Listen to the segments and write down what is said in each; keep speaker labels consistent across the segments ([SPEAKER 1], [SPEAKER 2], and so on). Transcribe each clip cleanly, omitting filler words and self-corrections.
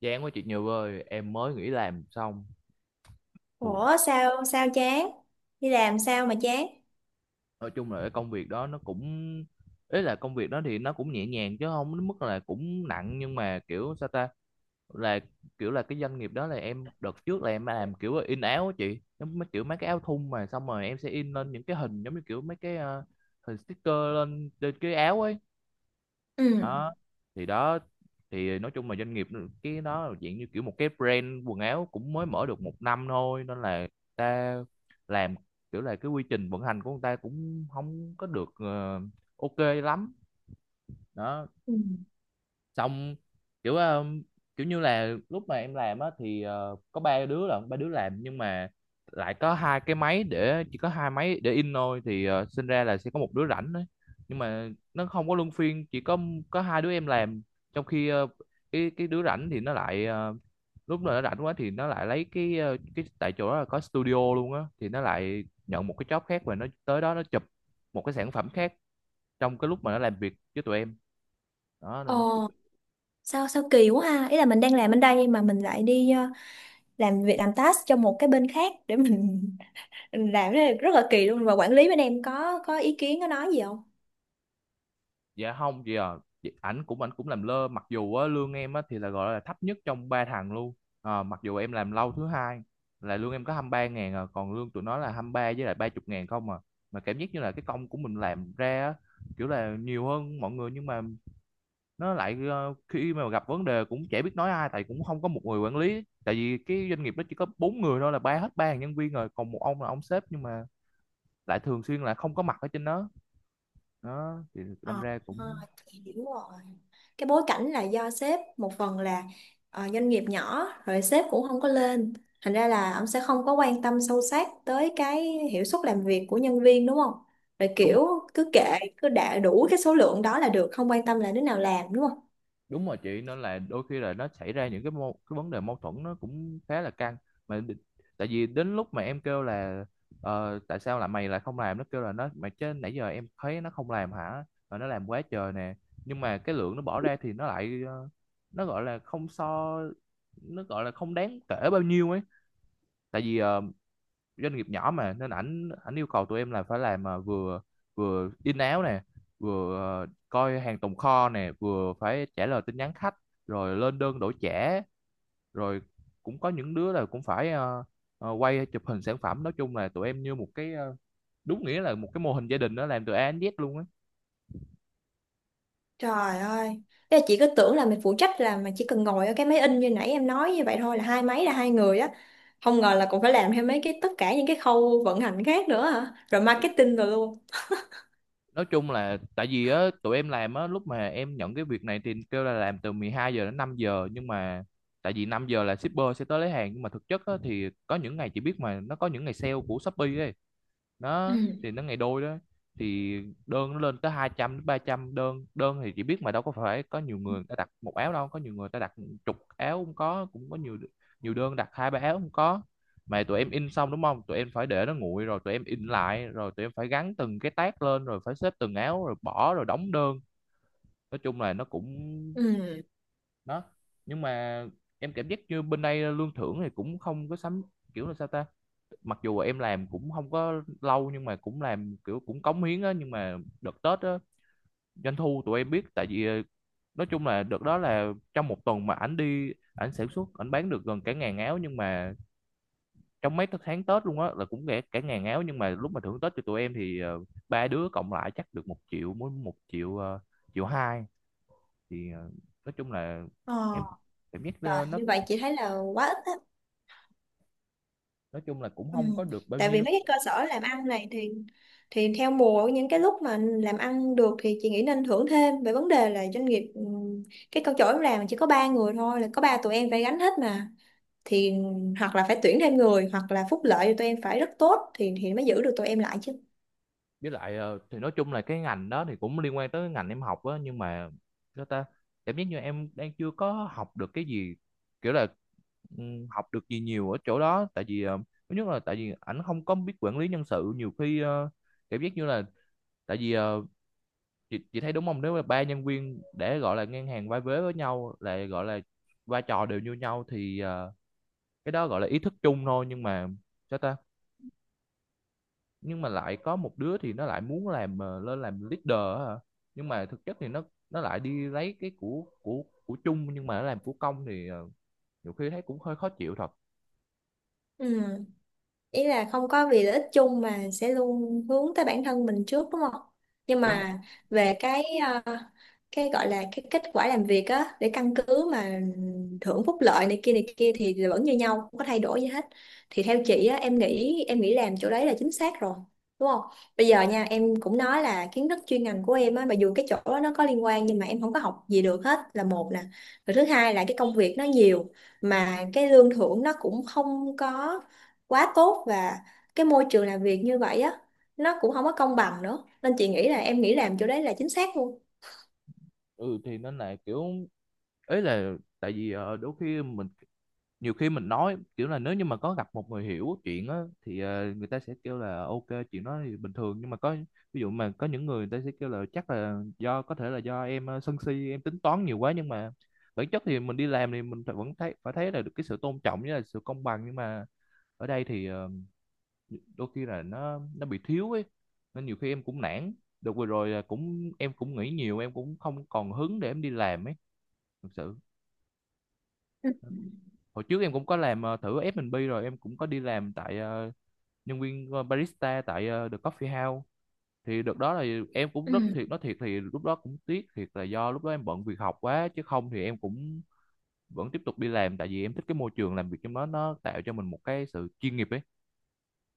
[SPEAKER 1] Chán quá chị Như ơi, em mới nghỉ làm xong, buồn.
[SPEAKER 2] Ủa sao sao chán? Đi làm sao mà chán?
[SPEAKER 1] Nói chung là cái công việc đó nó cũng ý là công việc đó thì nó cũng nhẹ nhàng chứ không đến mức là cũng nặng, nhưng mà kiểu sao ta là kiểu là cái doanh nghiệp đó là em đợt trước là em làm kiểu in áo á chị, giống mấy kiểu mấy cái áo thun mà xong rồi em sẽ in lên những cái hình giống như kiểu mấy cái hình sticker lên trên cái áo ấy
[SPEAKER 2] Ừ.
[SPEAKER 1] đó. Thì đó thì nói chung là doanh nghiệp cái đó là dạng như kiểu một cái brand quần áo cũng mới mở được một năm thôi, nên là người ta làm kiểu là cái quy trình vận hành của người ta cũng không có được ok lắm đó.
[SPEAKER 2] Ừ.
[SPEAKER 1] Xong kiểu kiểu như là lúc mà em làm á thì có ba đứa là ba đứa làm, nhưng mà lại có hai cái máy để, chỉ có hai máy để in thôi, thì sinh ra là sẽ có một đứa rảnh đấy. Nhưng mà nó không có luân phiên, chỉ có hai đứa em làm, trong khi cái đứa rảnh thì nó lại lúc nào nó rảnh quá thì nó lại lấy cái cái, tại chỗ đó là có studio luôn á, thì nó lại nhận một cái job khác và nó tới đó nó chụp một cái sản phẩm khác trong cái lúc mà nó làm việc với tụi em đó
[SPEAKER 2] Ờ
[SPEAKER 1] nên.
[SPEAKER 2] sao sao kỳ quá ha. Ý là mình đang làm bên đây mà mình lại đi làm việc làm task cho một cái bên khác để mình mình làm cái này rất là kỳ luôn, và quản lý bên em có ý kiến có nói gì không?
[SPEAKER 1] Dạ không chị à. Ảnh cũng làm lơ, mặc dù á, lương em á, thì là gọi là thấp nhất trong ba thằng luôn. Mặc dù em làm lâu thứ hai, là lương em có 23 ngàn à, còn lương tụi nó là 23 với lại 30 ngàn không à, mà cảm giác như là cái công của mình làm ra á, kiểu là nhiều hơn mọi người, nhưng mà nó lại khi mà gặp vấn đề cũng chả biết nói ai, tại cũng không có một người quản lý, tại vì cái doanh nghiệp nó chỉ có bốn người thôi, là ba hết ba nhân viên rồi còn một ông là ông sếp, nhưng mà lại thường xuyên là không có mặt ở trên đó. Đó thì đâm
[SPEAKER 2] Ờ,
[SPEAKER 1] ra
[SPEAKER 2] ờ,
[SPEAKER 1] cũng
[SPEAKER 2] hiểu rồi. Cái bối cảnh là do sếp, một phần là doanh nghiệp nhỏ rồi sếp cũng không có lên, thành ra là ông sẽ không có quan tâm sâu sát tới cái hiệu suất làm việc của nhân viên, đúng không? Rồi
[SPEAKER 1] đúng.
[SPEAKER 2] kiểu cứ kệ, cứ đạt đủ cái số lượng đó là được, không quan tâm là đứa nào làm, đúng không?
[SPEAKER 1] Đúng rồi chị, nên là đôi khi là nó xảy ra những cái cái vấn đề mâu thuẫn, nó cũng khá là căng mà tại vì đến lúc mà em kêu là tại sao là mày lại không làm, nó kêu là nó mà, chứ nãy giờ em thấy nó không làm hả, mà nó làm quá trời nè, nhưng mà cái lượng nó bỏ ra thì nó lại nó gọi là không so, nó gọi là không đáng kể bao nhiêu ấy, tại vì doanh nghiệp nhỏ mà, nên ảnh ảnh yêu cầu tụi em là phải làm à, vừa vừa in áo nè, vừa coi hàng tồn kho nè, vừa phải trả lời tin nhắn khách, rồi lên đơn đổi trả, rồi cũng có những đứa là cũng phải quay chụp hình sản phẩm, nói chung là tụi em như một cái đúng nghĩa là một cái mô hình gia đình đó, làm từ A đến Z luôn á.
[SPEAKER 2] Trời ơi, thế là chị cứ tưởng là mình phụ trách là mà chỉ cần ngồi ở cái máy in như nãy em nói như vậy thôi, là hai máy là hai người á, không ngờ là còn phải làm thêm mấy cái, tất cả những cái khâu vận hành khác nữa hả, rồi marketing rồi luôn.
[SPEAKER 1] Nói chung là tại vì á tụi em làm á, lúc mà em nhận cái việc này thì kêu là làm từ 12 giờ đến 5 giờ, nhưng mà tại vì 5 giờ là shipper sẽ tới lấy hàng, nhưng mà thực chất á, thì có những ngày chị biết mà, nó có những ngày sale của Shopee ấy, nó
[SPEAKER 2] Ừ.
[SPEAKER 1] thì nó ngày đôi đó, thì đơn nó lên tới 200 đến 300 đơn. Đơn thì chỉ biết mà, đâu có phải có nhiều người, người ta đặt một áo đâu, có nhiều người ta đặt chục áo cũng có, cũng có nhiều, nhiều đơn đặt hai ba áo cũng có, mà tụi em in xong đúng không, tụi em phải để nó nguội rồi tụi em in lại, rồi tụi em phải gắn từng cái tag lên, rồi phải xếp từng áo, rồi bỏ, rồi đóng đơn, nói chung là nó cũng
[SPEAKER 2] Ừ.
[SPEAKER 1] đó. Nhưng mà em cảm giác như bên đây lương thưởng thì cũng không có sắm, kiểu là sao ta, mặc dù em làm cũng không có lâu nhưng mà cũng làm kiểu cũng cống hiến á, nhưng mà đợt Tết á, doanh thu tụi em biết, tại vì nói chung là đợt đó là trong một tuần mà ảnh đi ảnh sản xuất ảnh bán được gần cả ngàn áo, nhưng mà trong mấy cái tháng Tết luôn á là cũng cả cả ngàn áo, nhưng mà lúc mà thưởng Tết cho tụi em thì ba đứa cộng lại chắc được 1 triệu, mỗi 1 triệu 1,2 triệu, thì nói chung là em
[SPEAKER 2] Ờ.
[SPEAKER 1] cảm giác
[SPEAKER 2] Rồi,
[SPEAKER 1] nó
[SPEAKER 2] như vậy chị thấy là quá ít á.
[SPEAKER 1] nói chung là cũng
[SPEAKER 2] Ừ.
[SPEAKER 1] không có được bao
[SPEAKER 2] Tại vì
[SPEAKER 1] nhiêu.
[SPEAKER 2] mấy cái cơ sở làm ăn này thì theo mùa, những cái lúc mà làm ăn được thì chị nghĩ nên thưởng thêm. Về vấn đề là doanh nghiệp, ừ, cái câu chỗ em làm chỉ có ba người thôi, là có ba tụi em phải gánh hết mà, thì hoặc là phải tuyển thêm người hoặc là phúc lợi tụi em phải rất tốt thì mới giữ được tụi em lại chứ.
[SPEAKER 1] Với lại thì nói chung là cái ngành đó thì cũng liên quan tới cái ngành em học á, nhưng mà sao ta, cảm giác như em đang chưa có học được cái gì, kiểu là ừ, học được gì nhiều ở chỗ đó, tại vì thứ nhất là tại vì ảnh không có biết quản lý nhân sự, nhiều khi cảm giác như là, tại vì chị thấy đúng không, nếu mà ba nhân viên để gọi là ngang hàng vai vế với nhau là gọi là vai trò đều như nhau thì cái đó gọi là ý thức chung thôi, nhưng mà sao ta, nhưng mà lại có một đứa thì nó lại muốn làm lên làm leader á hả, nhưng mà thực chất thì nó lại đi lấy cái của chung, nhưng mà nó làm của công, thì nhiều khi thấy cũng hơi khó chịu thật.
[SPEAKER 2] Ừ. Ý là không có vì lợi ích chung mà sẽ luôn hướng tới bản thân mình trước, đúng không? Nhưng
[SPEAKER 1] Đúng.
[SPEAKER 2] mà về cái ờ, cái gọi là cái kết quả làm việc á, để căn cứ mà thưởng phúc lợi này kia thì vẫn như nhau, không có thay đổi gì hết, thì theo chị á, em nghĩ làm chỗ đấy là chính xác rồi, đúng không? Bây giờ nha, em cũng nói là kiến thức chuyên ngành của em á, mặc dù cái chỗ đó nó có liên quan nhưng mà em không có học gì được hết là một nè, rồi thứ hai là cái công việc nó nhiều mà cái lương thưởng nó cũng không có quá tốt, và cái môi trường làm việc như vậy á, nó cũng không có công bằng nữa, nên chị nghĩ là em nghĩ làm chỗ đấy là chính xác luôn.
[SPEAKER 1] Ừ thì nên là kiểu ấy là, tại vì đôi khi mình, nhiều khi mình nói kiểu là, nếu như mà có gặp một người hiểu chuyện á thì người ta sẽ kêu là ok, chuyện đó thì bình thường, nhưng mà có ví dụ mà có những người, người ta sẽ kêu là chắc là do, có thể là do em sân si, em tính toán nhiều quá, nhưng mà bản chất thì mình đi làm thì mình phải, vẫn thấy, phải thấy là được cái sự tôn trọng với là sự công bằng, nhưng mà ở đây thì đôi khi là nó bị thiếu ấy, nên nhiều khi em cũng nản, được vừa rồi là cũng em cũng nghĩ nhiều, em cũng không còn hứng để em đi làm ấy, thực sự.
[SPEAKER 2] Ừ.
[SPEAKER 1] Hồi trước em cũng có làm thử F&B, rồi em cũng có đi làm tại nhân viên barista tại The Coffee House, thì đợt đó là em cũng rất
[SPEAKER 2] Ừ.
[SPEAKER 1] thiệt, nói thiệt thì lúc đó cũng tiếc thiệt, là do lúc đó em bận việc học quá chứ không thì em cũng vẫn tiếp tục đi làm, tại vì em thích cái môi trường làm việc trong đó, nó tạo cho mình một cái sự chuyên nghiệp ấy,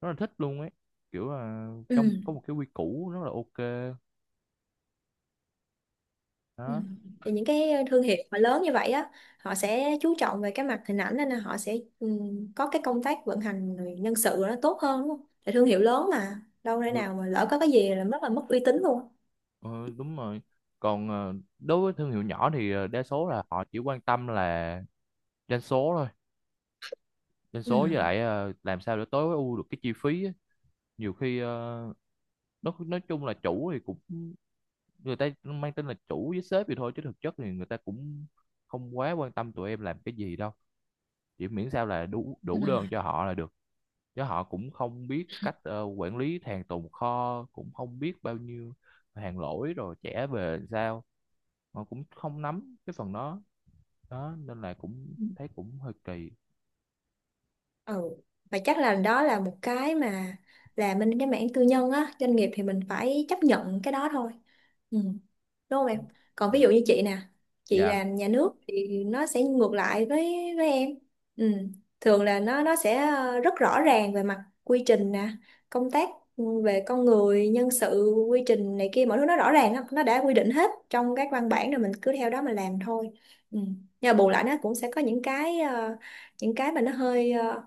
[SPEAKER 1] rất là thích luôn ấy, kiểu là trong
[SPEAKER 2] Ừ.
[SPEAKER 1] có một cái quy củ rất là ok
[SPEAKER 2] Ừ.
[SPEAKER 1] đó.
[SPEAKER 2] Thì những cái thương hiệu mà lớn như vậy á, họ sẽ chú trọng về cái mặt hình ảnh nên là họ sẽ có cái công tác vận hành rồi nhân sự nó tốt hơn, đúng không? Tại thương hiệu lớn mà đâu thể
[SPEAKER 1] Ừ,
[SPEAKER 2] nào mà lỡ có cái gì là rất là mất uy tín luôn.
[SPEAKER 1] ờ, đúng rồi, còn đối với thương hiệu nhỏ thì đa số là họ chỉ quan tâm là doanh số thôi, doanh số với
[SPEAKER 2] Ừ.
[SPEAKER 1] lại làm sao để tối ưu được cái chi phí á. Nhiều khi nó nói chung là chủ thì cũng, người ta mang tên là chủ với sếp vậy thôi, chứ thực chất thì người ta cũng không quá quan tâm tụi em làm cái gì đâu, chỉ miễn sao là đủ
[SPEAKER 2] Ừ.
[SPEAKER 1] đủ đơn cho họ là được, chứ họ cũng không biết cách quản lý hàng tồn kho, cũng không biết bao nhiêu hàng lỗi rồi trả về làm sao, họ cũng không nắm cái phần đó, đó nên là cũng
[SPEAKER 2] Ừ.
[SPEAKER 1] thấy cũng hơi kỳ.
[SPEAKER 2] Ừ. Và chắc là đó là một cái mà làm bên cái mảng tư nhân á, doanh nghiệp thì mình phải chấp nhận cái đó thôi. Ừ. Đúng không em? Còn ví
[SPEAKER 1] Dạ,
[SPEAKER 2] dụ như chị nè, chị
[SPEAKER 1] dạ,
[SPEAKER 2] làm nhà nước thì nó sẽ ngược lại với em. Ừ. Thường là nó sẽ rất rõ ràng về mặt quy trình nè, công tác, về con người nhân sự quy trình này kia, mọi thứ nó rõ ràng, nó đã quy định hết trong các văn bản rồi, mình cứ theo đó mà làm thôi. Ừ. Nhưng mà bù lại nó cũng sẽ có những cái những cái mà nó hơi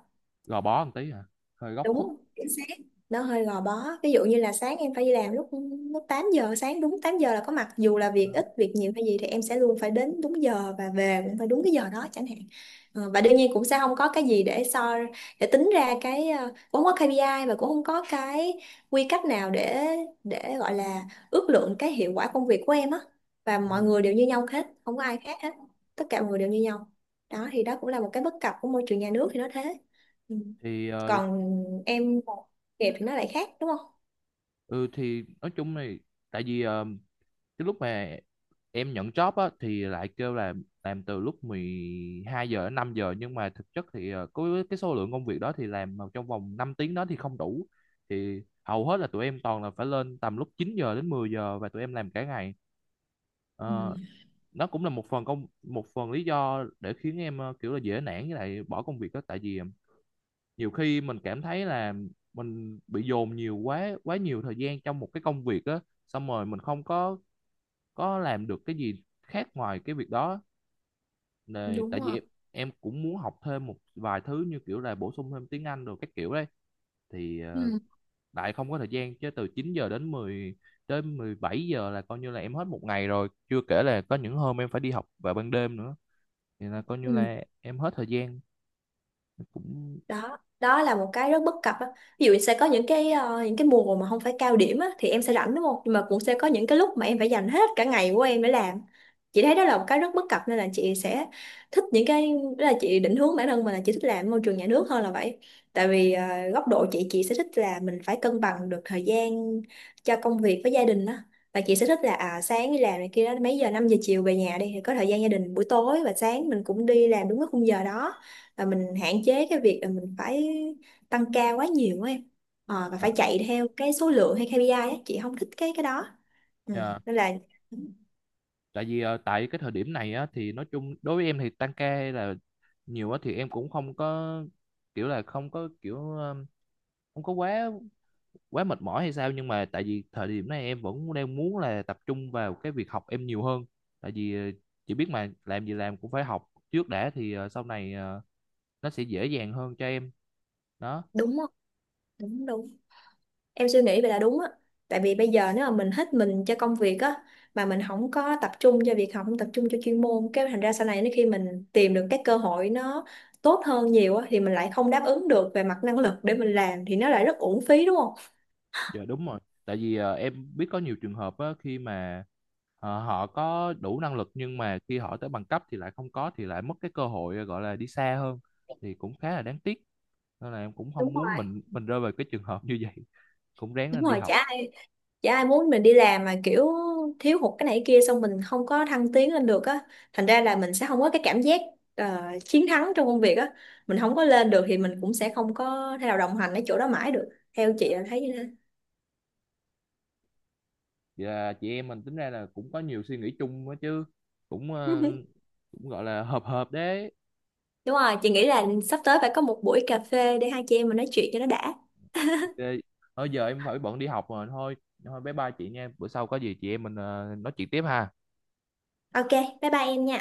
[SPEAKER 1] gò bó một tí hả, hơi góc khuất.
[SPEAKER 2] đúng, chính xác. Nó hơi gò bó, ví dụ như là sáng em phải đi làm lúc lúc 8 giờ sáng, đúng 8 giờ là có mặt, dù là việc ít việc nhiều hay gì thì em sẽ luôn phải đến đúng giờ, và về cũng phải đúng cái giờ đó chẳng hạn. Ờ, và đương nhiên cũng sẽ không có cái gì để so, để tính ra cái cũng không có KPI, và cũng không có cái quy cách nào để gọi là ước lượng cái hiệu quả công việc của em á, và mọi
[SPEAKER 1] Ừ.
[SPEAKER 2] người đều như nhau hết, không có ai khác hết, tất cả mọi người đều như nhau. Đó thì đó cũng là một cái bất cập của môi trường nhà nước, thì nó thế. Ừ.
[SPEAKER 1] Thì
[SPEAKER 2] Còn em đẹp thì nó lại khác đúng không?
[SPEAKER 1] ừ thì nói chung này, tại vì cái lúc mà em nhận job á thì lại kêu là làm từ lúc 12 giờ đến 5 giờ, nhưng mà thực chất thì có cái số lượng công việc đó thì làm mà trong vòng 5 tiếng đó thì không đủ, thì hầu hết là tụi em toàn là phải lên tầm lúc 9 giờ đến 10 giờ và tụi em làm cả ngày.
[SPEAKER 2] Ừ.
[SPEAKER 1] Ờ, nó cũng là một phần công, một phần lý do để khiến em kiểu là dễ nản với lại bỏ công việc đó, tại vì nhiều khi mình cảm thấy là mình bị dồn nhiều quá, quá nhiều thời gian trong một cái công việc á, xong rồi mình không có, có làm được cái gì khác ngoài cái việc đó. Nè,
[SPEAKER 2] Đúng
[SPEAKER 1] tại vì
[SPEAKER 2] rồi.
[SPEAKER 1] em cũng muốn học thêm một vài thứ như kiểu là bổ sung thêm tiếng Anh rồi các kiểu đấy, thì
[SPEAKER 2] Ừ.
[SPEAKER 1] lại không có thời gian, chứ từ 9 giờ đến 10 đến 17 giờ là coi như là em hết một ngày rồi, chưa kể là có những hôm em phải đi học vào ban đêm nữa, thì là coi như
[SPEAKER 2] Ừ.
[SPEAKER 1] là em hết thời gian cũng.
[SPEAKER 2] Đó đó là một cái rất bất cập á, ví dụ sẽ có những cái những cái mùa mà không phải cao điểm á thì em sẽ rảnh, đúng không, nhưng mà cũng sẽ có những cái lúc mà em phải dành hết cả ngày của em để làm. Chị thấy đó là một cái rất bất cập, nên là chị sẽ thích những cái, đó là chị định hướng bản thân mình là chị thích làm môi trường nhà nước hơn là vậy. Tại vì góc độ chị sẽ thích là mình phải cân bằng được thời gian cho công việc với gia đình á, và chị sẽ thích là à, sáng đi làm này kia đó mấy giờ, 5 giờ chiều về nhà đi, thì có thời gian gia đình buổi tối, và sáng mình cũng đi làm đúng cái khung giờ đó, và mình hạn chế cái việc là mình phải tăng ca quá nhiều á em. Ờ, và phải chạy theo cái số lượng hay KPI á, chị không thích cái đó. Ừ.
[SPEAKER 1] À,
[SPEAKER 2] Nên là
[SPEAKER 1] tại vì tại cái thời điểm này á thì nói chung đối với em thì tăng ca hay là nhiều á thì em cũng không có, kiểu là không có kiểu không có quá, quá mệt mỏi hay sao, nhưng mà tại vì thời điểm này em vẫn đang muốn là tập trung vào cái việc học em nhiều hơn, tại vì chị biết mà, làm gì làm cũng phải học trước đã, thì sau này nó sẽ dễ dàng hơn cho em đó.
[SPEAKER 2] đúng không, đúng đúng, em suy nghĩ vậy là đúng á. Tại vì bây giờ nếu mà mình hết mình cho công việc á, mà mình không có tập trung cho việc học, không tập trung cho chuyên môn, cái thành ra sau này nếu khi mình tìm được các cơ hội nó tốt hơn nhiều á, thì mình lại không đáp ứng được về mặt năng lực để mình làm, thì nó lại rất uổng phí, đúng không?
[SPEAKER 1] Dạ đúng rồi. Tại vì em biết có nhiều trường hợp á, khi mà họ có đủ năng lực, nhưng mà khi họ tới bằng cấp thì lại không có, thì lại mất cái cơ hội gọi là đi xa hơn, thì cũng khá là đáng tiếc. Nên là em cũng không
[SPEAKER 2] Đúng
[SPEAKER 1] muốn
[SPEAKER 2] rồi,
[SPEAKER 1] mình rơi vào cái trường hợp như vậy. Cũng ráng
[SPEAKER 2] đúng
[SPEAKER 1] lên đi
[SPEAKER 2] rồi,
[SPEAKER 1] học.
[SPEAKER 2] chả chả ai muốn mình đi làm mà kiểu thiếu hụt cái này cái kia xong mình không có thăng tiến lên được á, thành ra là mình sẽ không có cái cảm giác chiến thắng trong công việc á, mình không có lên được thì mình cũng sẽ không có thể nào đồng hành ở chỗ đó mãi được, theo chị là thấy như thế.
[SPEAKER 1] Và chị em mình tính ra là cũng có nhiều suy nghĩ chung á chứ. Cũng cũng gọi là hợp hợp đấy.
[SPEAKER 2] Đúng rồi, chị nghĩ là sắp tới phải có một buổi cà phê để hai chị em mình nói chuyện cho nó đã.
[SPEAKER 1] Ok. Thôi giờ em phải bận đi học rồi thôi. Thôi bye bye chị nha. Bữa sau có gì chị em mình nói chuyện tiếp ha.
[SPEAKER 2] Ok, bye bye em nha.